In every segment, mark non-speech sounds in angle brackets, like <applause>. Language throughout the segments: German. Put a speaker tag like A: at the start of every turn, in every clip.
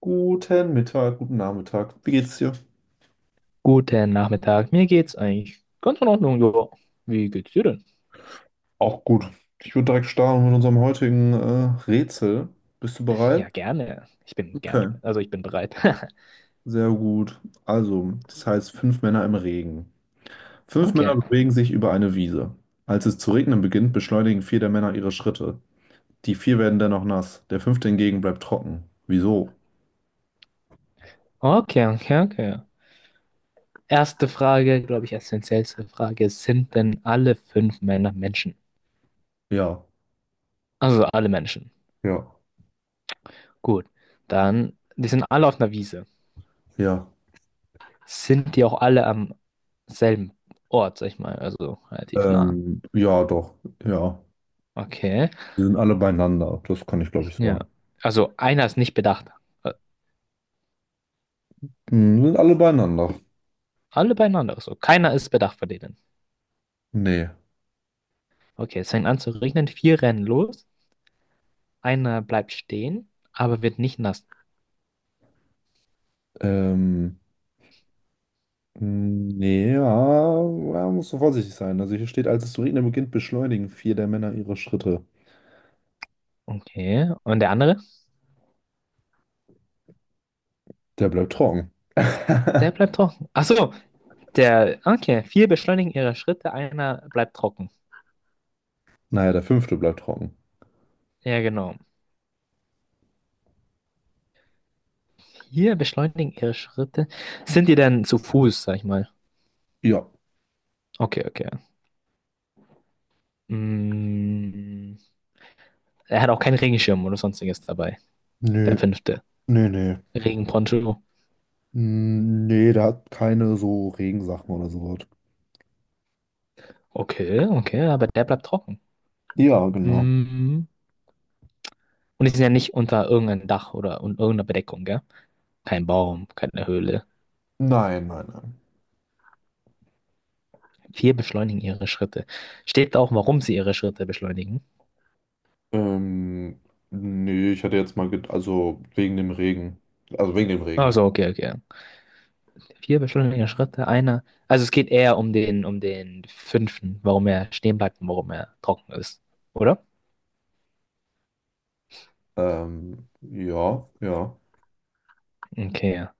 A: Guten Mittag, guten Nachmittag. Wie geht's dir?
B: Guten Nachmittag, mir geht's eigentlich ganz in Ordnung, ja. Wie geht's dir denn?
A: Auch gut. Ich würde direkt starten mit unserem heutigen Rätsel. Bist du bereit?
B: Ja, gerne.
A: Okay,
B: Also ich bin bereit. <laughs>
A: sehr gut. Also, das heißt fünf Männer im Regen. Fünf Männer
B: Okay,
A: bewegen sich über eine Wiese. Als es zu regnen beginnt, beschleunigen vier der Männer ihre Schritte. Die vier werden dennoch nass. Der fünfte hingegen bleibt trocken. Wieso?
B: okay, okay, okay. Erste Frage, glaube ich, essentiellste Frage. Sind denn alle fünf Männer Menschen?
A: Ja,
B: Also alle Menschen.
A: ja,
B: Gut, dann, die sind alle auf einer Wiese.
A: ja.
B: Sind die auch alle am selben Ort, sag ich mal, also relativ nah.
A: Ja, doch, ja.
B: Okay,
A: Wir sind alle beieinander. Das kann ich, glaube ich,
B: ja.
A: sagen.
B: Also einer ist nicht bedacht. Äh,
A: Hm, wir sind alle beieinander.
B: Alle beieinander, also keiner ist bedacht von denen.
A: Nee.
B: Okay, es fängt an zu regnen, vier rennen los, einer bleibt stehen, aber wird nicht nass.
A: Ähm, Nee, ja, ja, musst du vorsichtig sein. Also hier steht, als es zu regnen beginnt, beschleunigen vier der Männer ihre Schritte.
B: Okay, und der andere?
A: Der bleibt trocken.
B: Der
A: <laughs>
B: bleibt trocken. Ach so, okay, vier beschleunigen ihre Schritte, einer bleibt trocken.
A: Naja, der fünfte bleibt trocken.
B: Ja, genau. Vier beschleunigen ihre Schritte. Sind die denn zu Fuß, sag ich mal?
A: Ja.
B: Okay, okay. Mm, er hat auch keinen Regenschirm oder sonstiges dabei. Der
A: Nee,
B: fünfte.
A: nee, nee.
B: Regenponcho.
A: Mm, nee, der hat keine so Regensachen oder sowas.
B: Okay, okay, aber der bleibt trocken.
A: Ja, genau.
B: Mm. Und die sind ja nicht unter irgendeinem Dach oder irgendeiner Bedeckung, gell? Kein Baum, keine Höhle.
A: Nein, nein, nein.
B: Vier beschleunigen ihre Schritte. Steht auch, warum sie ihre Schritte beschleunigen.
A: Ähm, Nee, ich hatte jetzt mal, also wegen dem Regen. Also wegen dem Regen.
B: Also, okay, okay. Vier beschleunigen ihre Schritte, einer. Also es geht eher um den fünften, warum er stehen bleibt und warum er trocken ist. Oder?
A: Ja, ja.
B: Okay. Ja.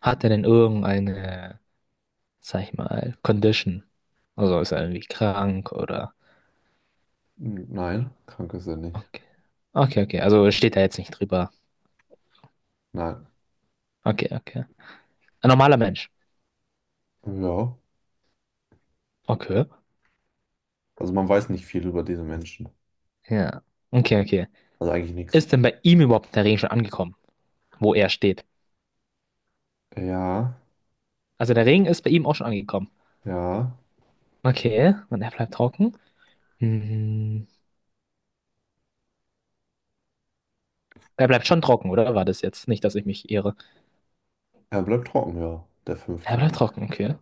B: Hat er denn irgendeine, sag ich mal, Condition? Also ist er irgendwie krank oder.
A: Nein, krank ist er nicht.
B: Okay. Okay, okay. Also steht da jetzt nicht drüber.
A: Nein.
B: Okay, okay. Ein normaler Mensch.
A: Ja,
B: Okay.
A: also man weiß nicht viel über diese Menschen.
B: Ja. Okay, okay.
A: Also eigentlich nichts.
B: Ist denn bei ihm überhaupt der Regen schon angekommen, wo er steht?
A: Ja,
B: Also der Regen ist bei ihm auch schon angekommen.
A: ja.
B: Okay, und er bleibt trocken. Hm. Er bleibt schon trocken, oder war das jetzt? Nicht, dass ich mich irre.
A: Er bleibt trocken, ja, der
B: Er
A: fünfte.
B: bleibt trocken, okay.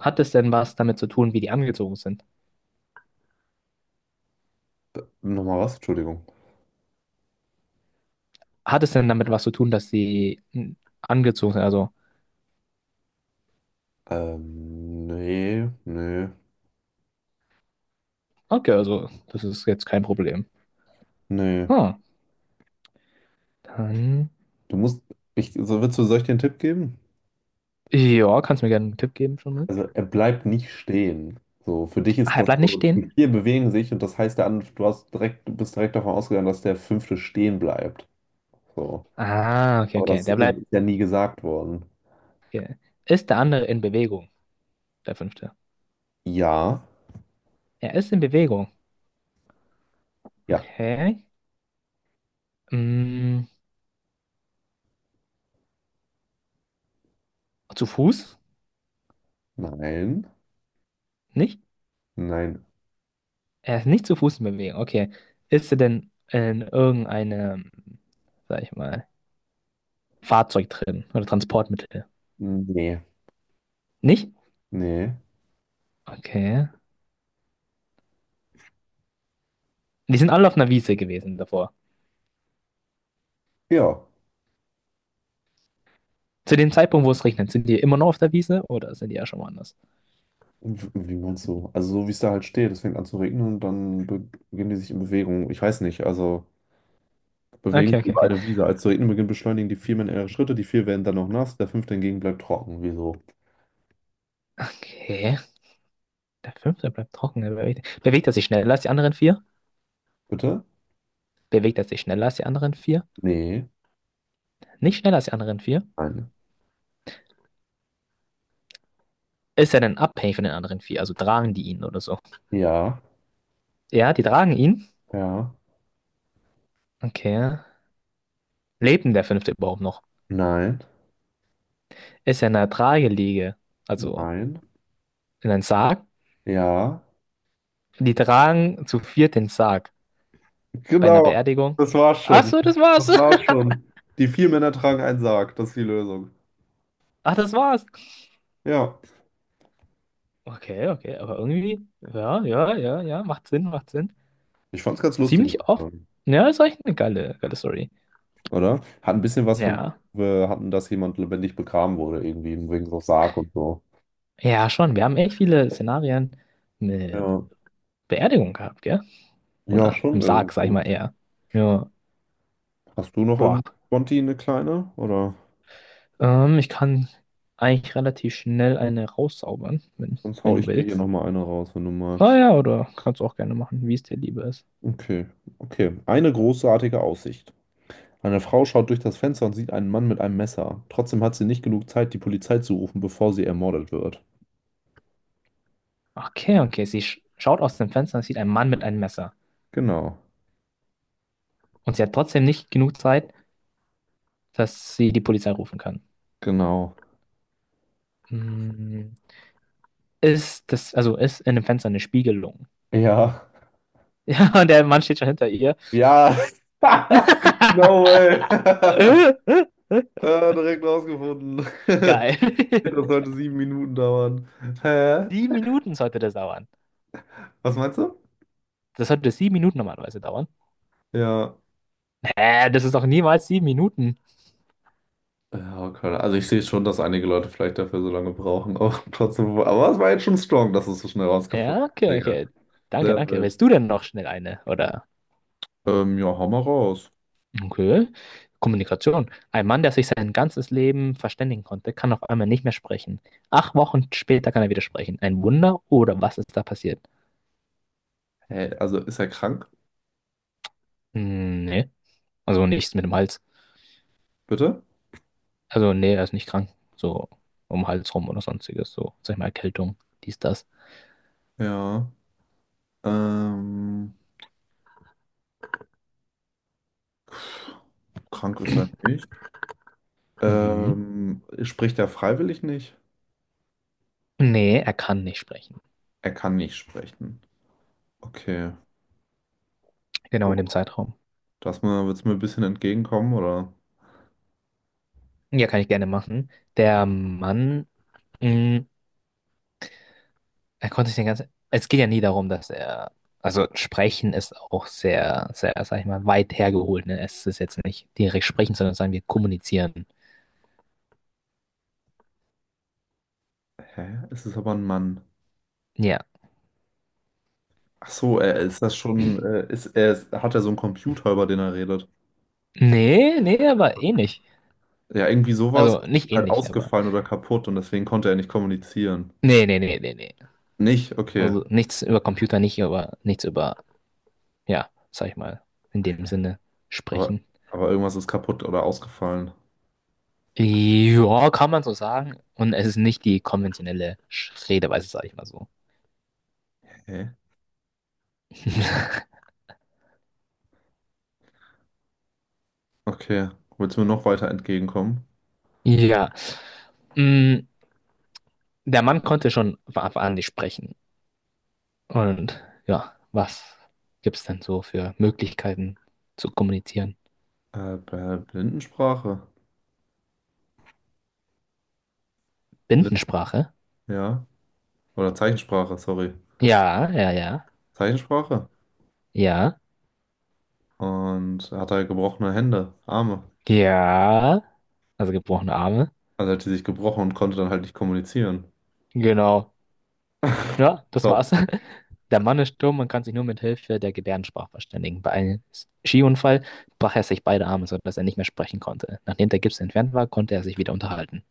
B: Hat es denn was damit zu tun, wie die angezogen sind?
A: Nochmal was? Entschuldigung.
B: Hat es denn damit was zu tun, dass sie angezogen sind? Also,
A: Nee, nee,
B: okay, also, das ist jetzt kein Problem.
A: nee.
B: Ah, dann.
A: Du musst, ich, so, willst du, Soll ich dir einen Tipp geben?
B: Ja, kannst du mir gerne einen Tipp geben schon mal?
A: Also er bleibt nicht stehen. So, für dich
B: Ach,
A: ist
B: er
A: das
B: bleibt nicht
A: so, die
B: stehen?
A: vier bewegen sich und das heißt, der andere, du bist direkt davon ausgegangen, dass der fünfte stehen bleibt. So.
B: Ah, okay,
A: Aber
B: okay.
A: das
B: Der bleibt.
A: ist ja nie gesagt worden.
B: Okay. Ist der andere in Bewegung? Der fünfte.
A: Ja,
B: Er ist in Bewegung.
A: ja,
B: Okay. Mm, Zu Fuß?
A: nein,
B: Nicht?
A: nein,
B: Er ist nicht zu Fuß in Bewegung. Okay. Ist er denn in irgendeinem, sag ich mal, Fahrzeug drin oder Transportmittel?
A: nee,
B: Nicht?
A: nee.
B: Okay. Die sind alle auf einer Wiese gewesen davor.
A: Ja,
B: Zu dem Zeitpunkt, wo es regnet, sind die immer noch auf der Wiese oder sind die ja schon woanders?
A: wie meinst du? Also so wie es da halt steht, es fängt an zu regnen und dann beginnen die sich in Bewegung. Ich weiß nicht, also bewegen
B: Okay,
A: sich
B: okay,
A: über
B: okay.
A: eine Wiese. Als zu regnen beginnt, beschleunigen die Viermen ihre Schritte, die vier werden dann noch nass, der fünfte hingegen bleibt trocken. Wieso?
B: Okay. Der fünfte bleibt trocken. Bewegt er sich schneller als die anderen vier?
A: Bitte?
B: Bewegt er sich schneller als die anderen vier?
A: Nee,
B: Nicht schneller als die anderen vier?
A: nein.
B: Ist er denn abhängig von den anderen vier? Also tragen die ihn oder so?
A: Ja,
B: Ja, die tragen ihn.
A: ja,
B: Okay. Lebt denn der Fünfte überhaupt noch?
A: nein,
B: Ist er in einer Trageliege, also
A: nein,
B: in einem Sarg?
A: ja.
B: Die tragen zu viert den Sarg bei einer
A: Genau,
B: Beerdigung.
A: das war's
B: Ach
A: schon.
B: so, das war's.
A: Das war's
B: <laughs>
A: schon. Die vier Männer tragen einen Sarg, das ist die Lösung.
B: Ach, das war's.
A: Ja,
B: Okay, okay, aber irgendwie, ja, ja, ja, ja, macht Sinn, macht Sinn.
A: ich fand's ganz lustig,
B: Ziemlich oft. Ja, ist echt eine geile, geile Story.
A: oder? Hat ein bisschen was von,
B: Ja,
A: wir hatten, dass jemand lebendig begraben wurde, irgendwie wegen so Sarg und so.
B: ja, schon. Wir haben echt viele Szenarien mit
A: Ja,
B: Beerdigung gehabt, gell?
A: ja,
B: Oder
A: schon
B: im Sarg, sag ich
A: irgendwie.
B: mal eher. Ja,
A: Hast du noch
B: boah,
A: irgendwie Sponti eine kleine? Oder
B: Ich kann eigentlich relativ schnell eine rauszaubern, wenn,
A: sonst
B: wenn
A: hau
B: du
A: ich dir hier
B: willst.
A: nochmal eine raus, wenn du
B: Ah
A: magst.
B: ja, oder kannst du auch gerne machen, wie es dir lieber ist.
A: Okay, okay. Eine großartige Aussicht. Eine Frau schaut durch das Fenster und sieht einen Mann mit einem Messer. Trotzdem hat sie nicht genug Zeit, die Polizei zu rufen, bevor sie ermordet wird.
B: Okay, okay. Sie schaut aus dem Fenster und sieht einen Mann mit einem Messer.
A: Genau,
B: Und sie hat trotzdem nicht genug Zeit, dass sie die Polizei rufen kann.
A: genau.
B: Hm, also ist in dem Fenster eine Spiegelung? <laughs>
A: Ja,
B: Ja, und der Mann steht schon hinter ihr.
A: ja. <laughs>
B: <laughs>
A: No way. <laughs> Ah, direkt rausgefunden.
B: Geil.
A: <laughs> Das sollte 7 Minuten dauern.
B: <laughs>
A: Hä?
B: 7 Minuten sollte das dauern.
A: Was meinst du?
B: Das sollte 7 Minuten normalerweise dauern.
A: Ja.
B: Das ist doch niemals 7 Minuten.
A: Ja, okay. Also ich sehe schon, dass einige Leute vielleicht dafür so lange brauchen, auch <laughs> trotzdem. Aber es war jetzt schon strong, dass du es so schnell rausgefunden
B: Ja,
A: hast,
B: okay,
A: Digga.
B: okay. Danke,
A: Sehr
B: danke.
A: wild.
B: Willst du denn noch schnell eine? Oder?
A: Ja, hau mal raus.
B: Okay. Kommunikation. Ein Mann, der sich sein ganzes Leben verständigen konnte, kann auf einmal nicht mehr sprechen. 8 Wochen später kann er wieder sprechen. Ein Wunder oder was ist da passiert?
A: Hä, also ist er krank?
B: Hm, nee. Also nichts mit dem Hals.
A: Bitte?
B: Also nee, er ist nicht krank. So um den Hals rum oder sonstiges. So, sag ich mal, Erkältung, dies, das.
A: Ja. Ähm, Krank ist er nicht.
B: Mhm.
A: Spricht er freiwillig nicht?
B: Nee, er kann nicht sprechen.
A: Er kann nicht sprechen. Okay.
B: Genau in dem Zeitraum.
A: Das mal, willst du mir ein bisschen entgegenkommen, oder?
B: Ja, kann ich gerne machen. Der Mann. hm, Er konnte sich den ganzen. Es geht ja nie darum, dass er. Also sprechen ist auch sehr, sehr, sag ich mal, weit hergeholt. Ne? Es ist jetzt nicht direkt sprechen, sondern sagen wir kommunizieren.
A: Hä? Es ist aber ein Mann.
B: Ja.
A: Ach so, er ist das schon, hat er so einen Computer, über den er redet.
B: Nee, nee, aber ähnlich.
A: Ja, irgendwie sowas
B: Also
A: ist
B: nicht
A: halt
B: ähnlich, aber.
A: ausgefallen oder kaputt und deswegen konnte er nicht kommunizieren.
B: Nee, nee, nee, nee, nee.
A: Nicht? Okay.
B: Also nichts über Computer, nicht über nichts über, ja, sag ich mal, in dem Sinne
A: Aber,
B: sprechen.
A: aber irgendwas ist kaputt oder ausgefallen.
B: Ja, kann man so sagen. Und es ist nicht die konventionelle Redeweise, sag ich mal so.
A: Hä?
B: <laughs>
A: Okay. Willst du mir noch weiter entgegenkommen?
B: Ja. Mm, Der Mann konnte schon von Anfang an nicht sprechen. Und ja, was gibt's denn so für Möglichkeiten zu kommunizieren?
A: Bei Blindensprache. Blind,
B: Bindensprache?
A: ja. Oder Zeichensprache, sorry.
B: Ja, ja, ja,
A: Zeichensprache.
B: ja,
A: Und er hat halt gebrochene Hände, Arme.
B: ja. Also gebrochene Arme.
A: Also hat die sich gebrochen und konnte dann halt nicht kommunizieren.
B: Genau. Ja, das
A: Glaub,
B: war's. <laughs> Der Mann ist stumm und kann sich nur mit Hilfe der Gebärdensprache verständigen. Bei einem Skiunfall brach er sich beide Arme, sodass er nicht mehr sprechen konnte. Nachdem der Gips entfernt war, konnte er sich wieder unterhalten.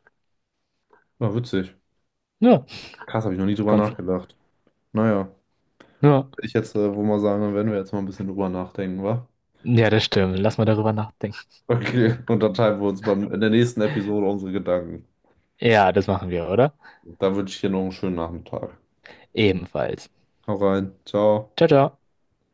A: war witzig.
B: Ja,
A: Krass, habe ich noch nie drüber
B: ganz.
A: nachgedacht. Naja,
B: Ja.
A: würde ich jetzt wohl mal sagen, dann werden wir jetzt mal ein bisschen drüber nachdenken, wa?
B: Ja, das stimmt. Lass mal darüber nachdenken.
A: Okay, <laughs> und dann teilen wir uns in der nächsten Episode unsere Gedanken.
B: Ja, das machen wir, oder?
A: Da wünsche ich dir noch einen schönen Nachmittag.
B: Ebenfalls.
A: Hau rein, ciao.
B: Ciao, ciao.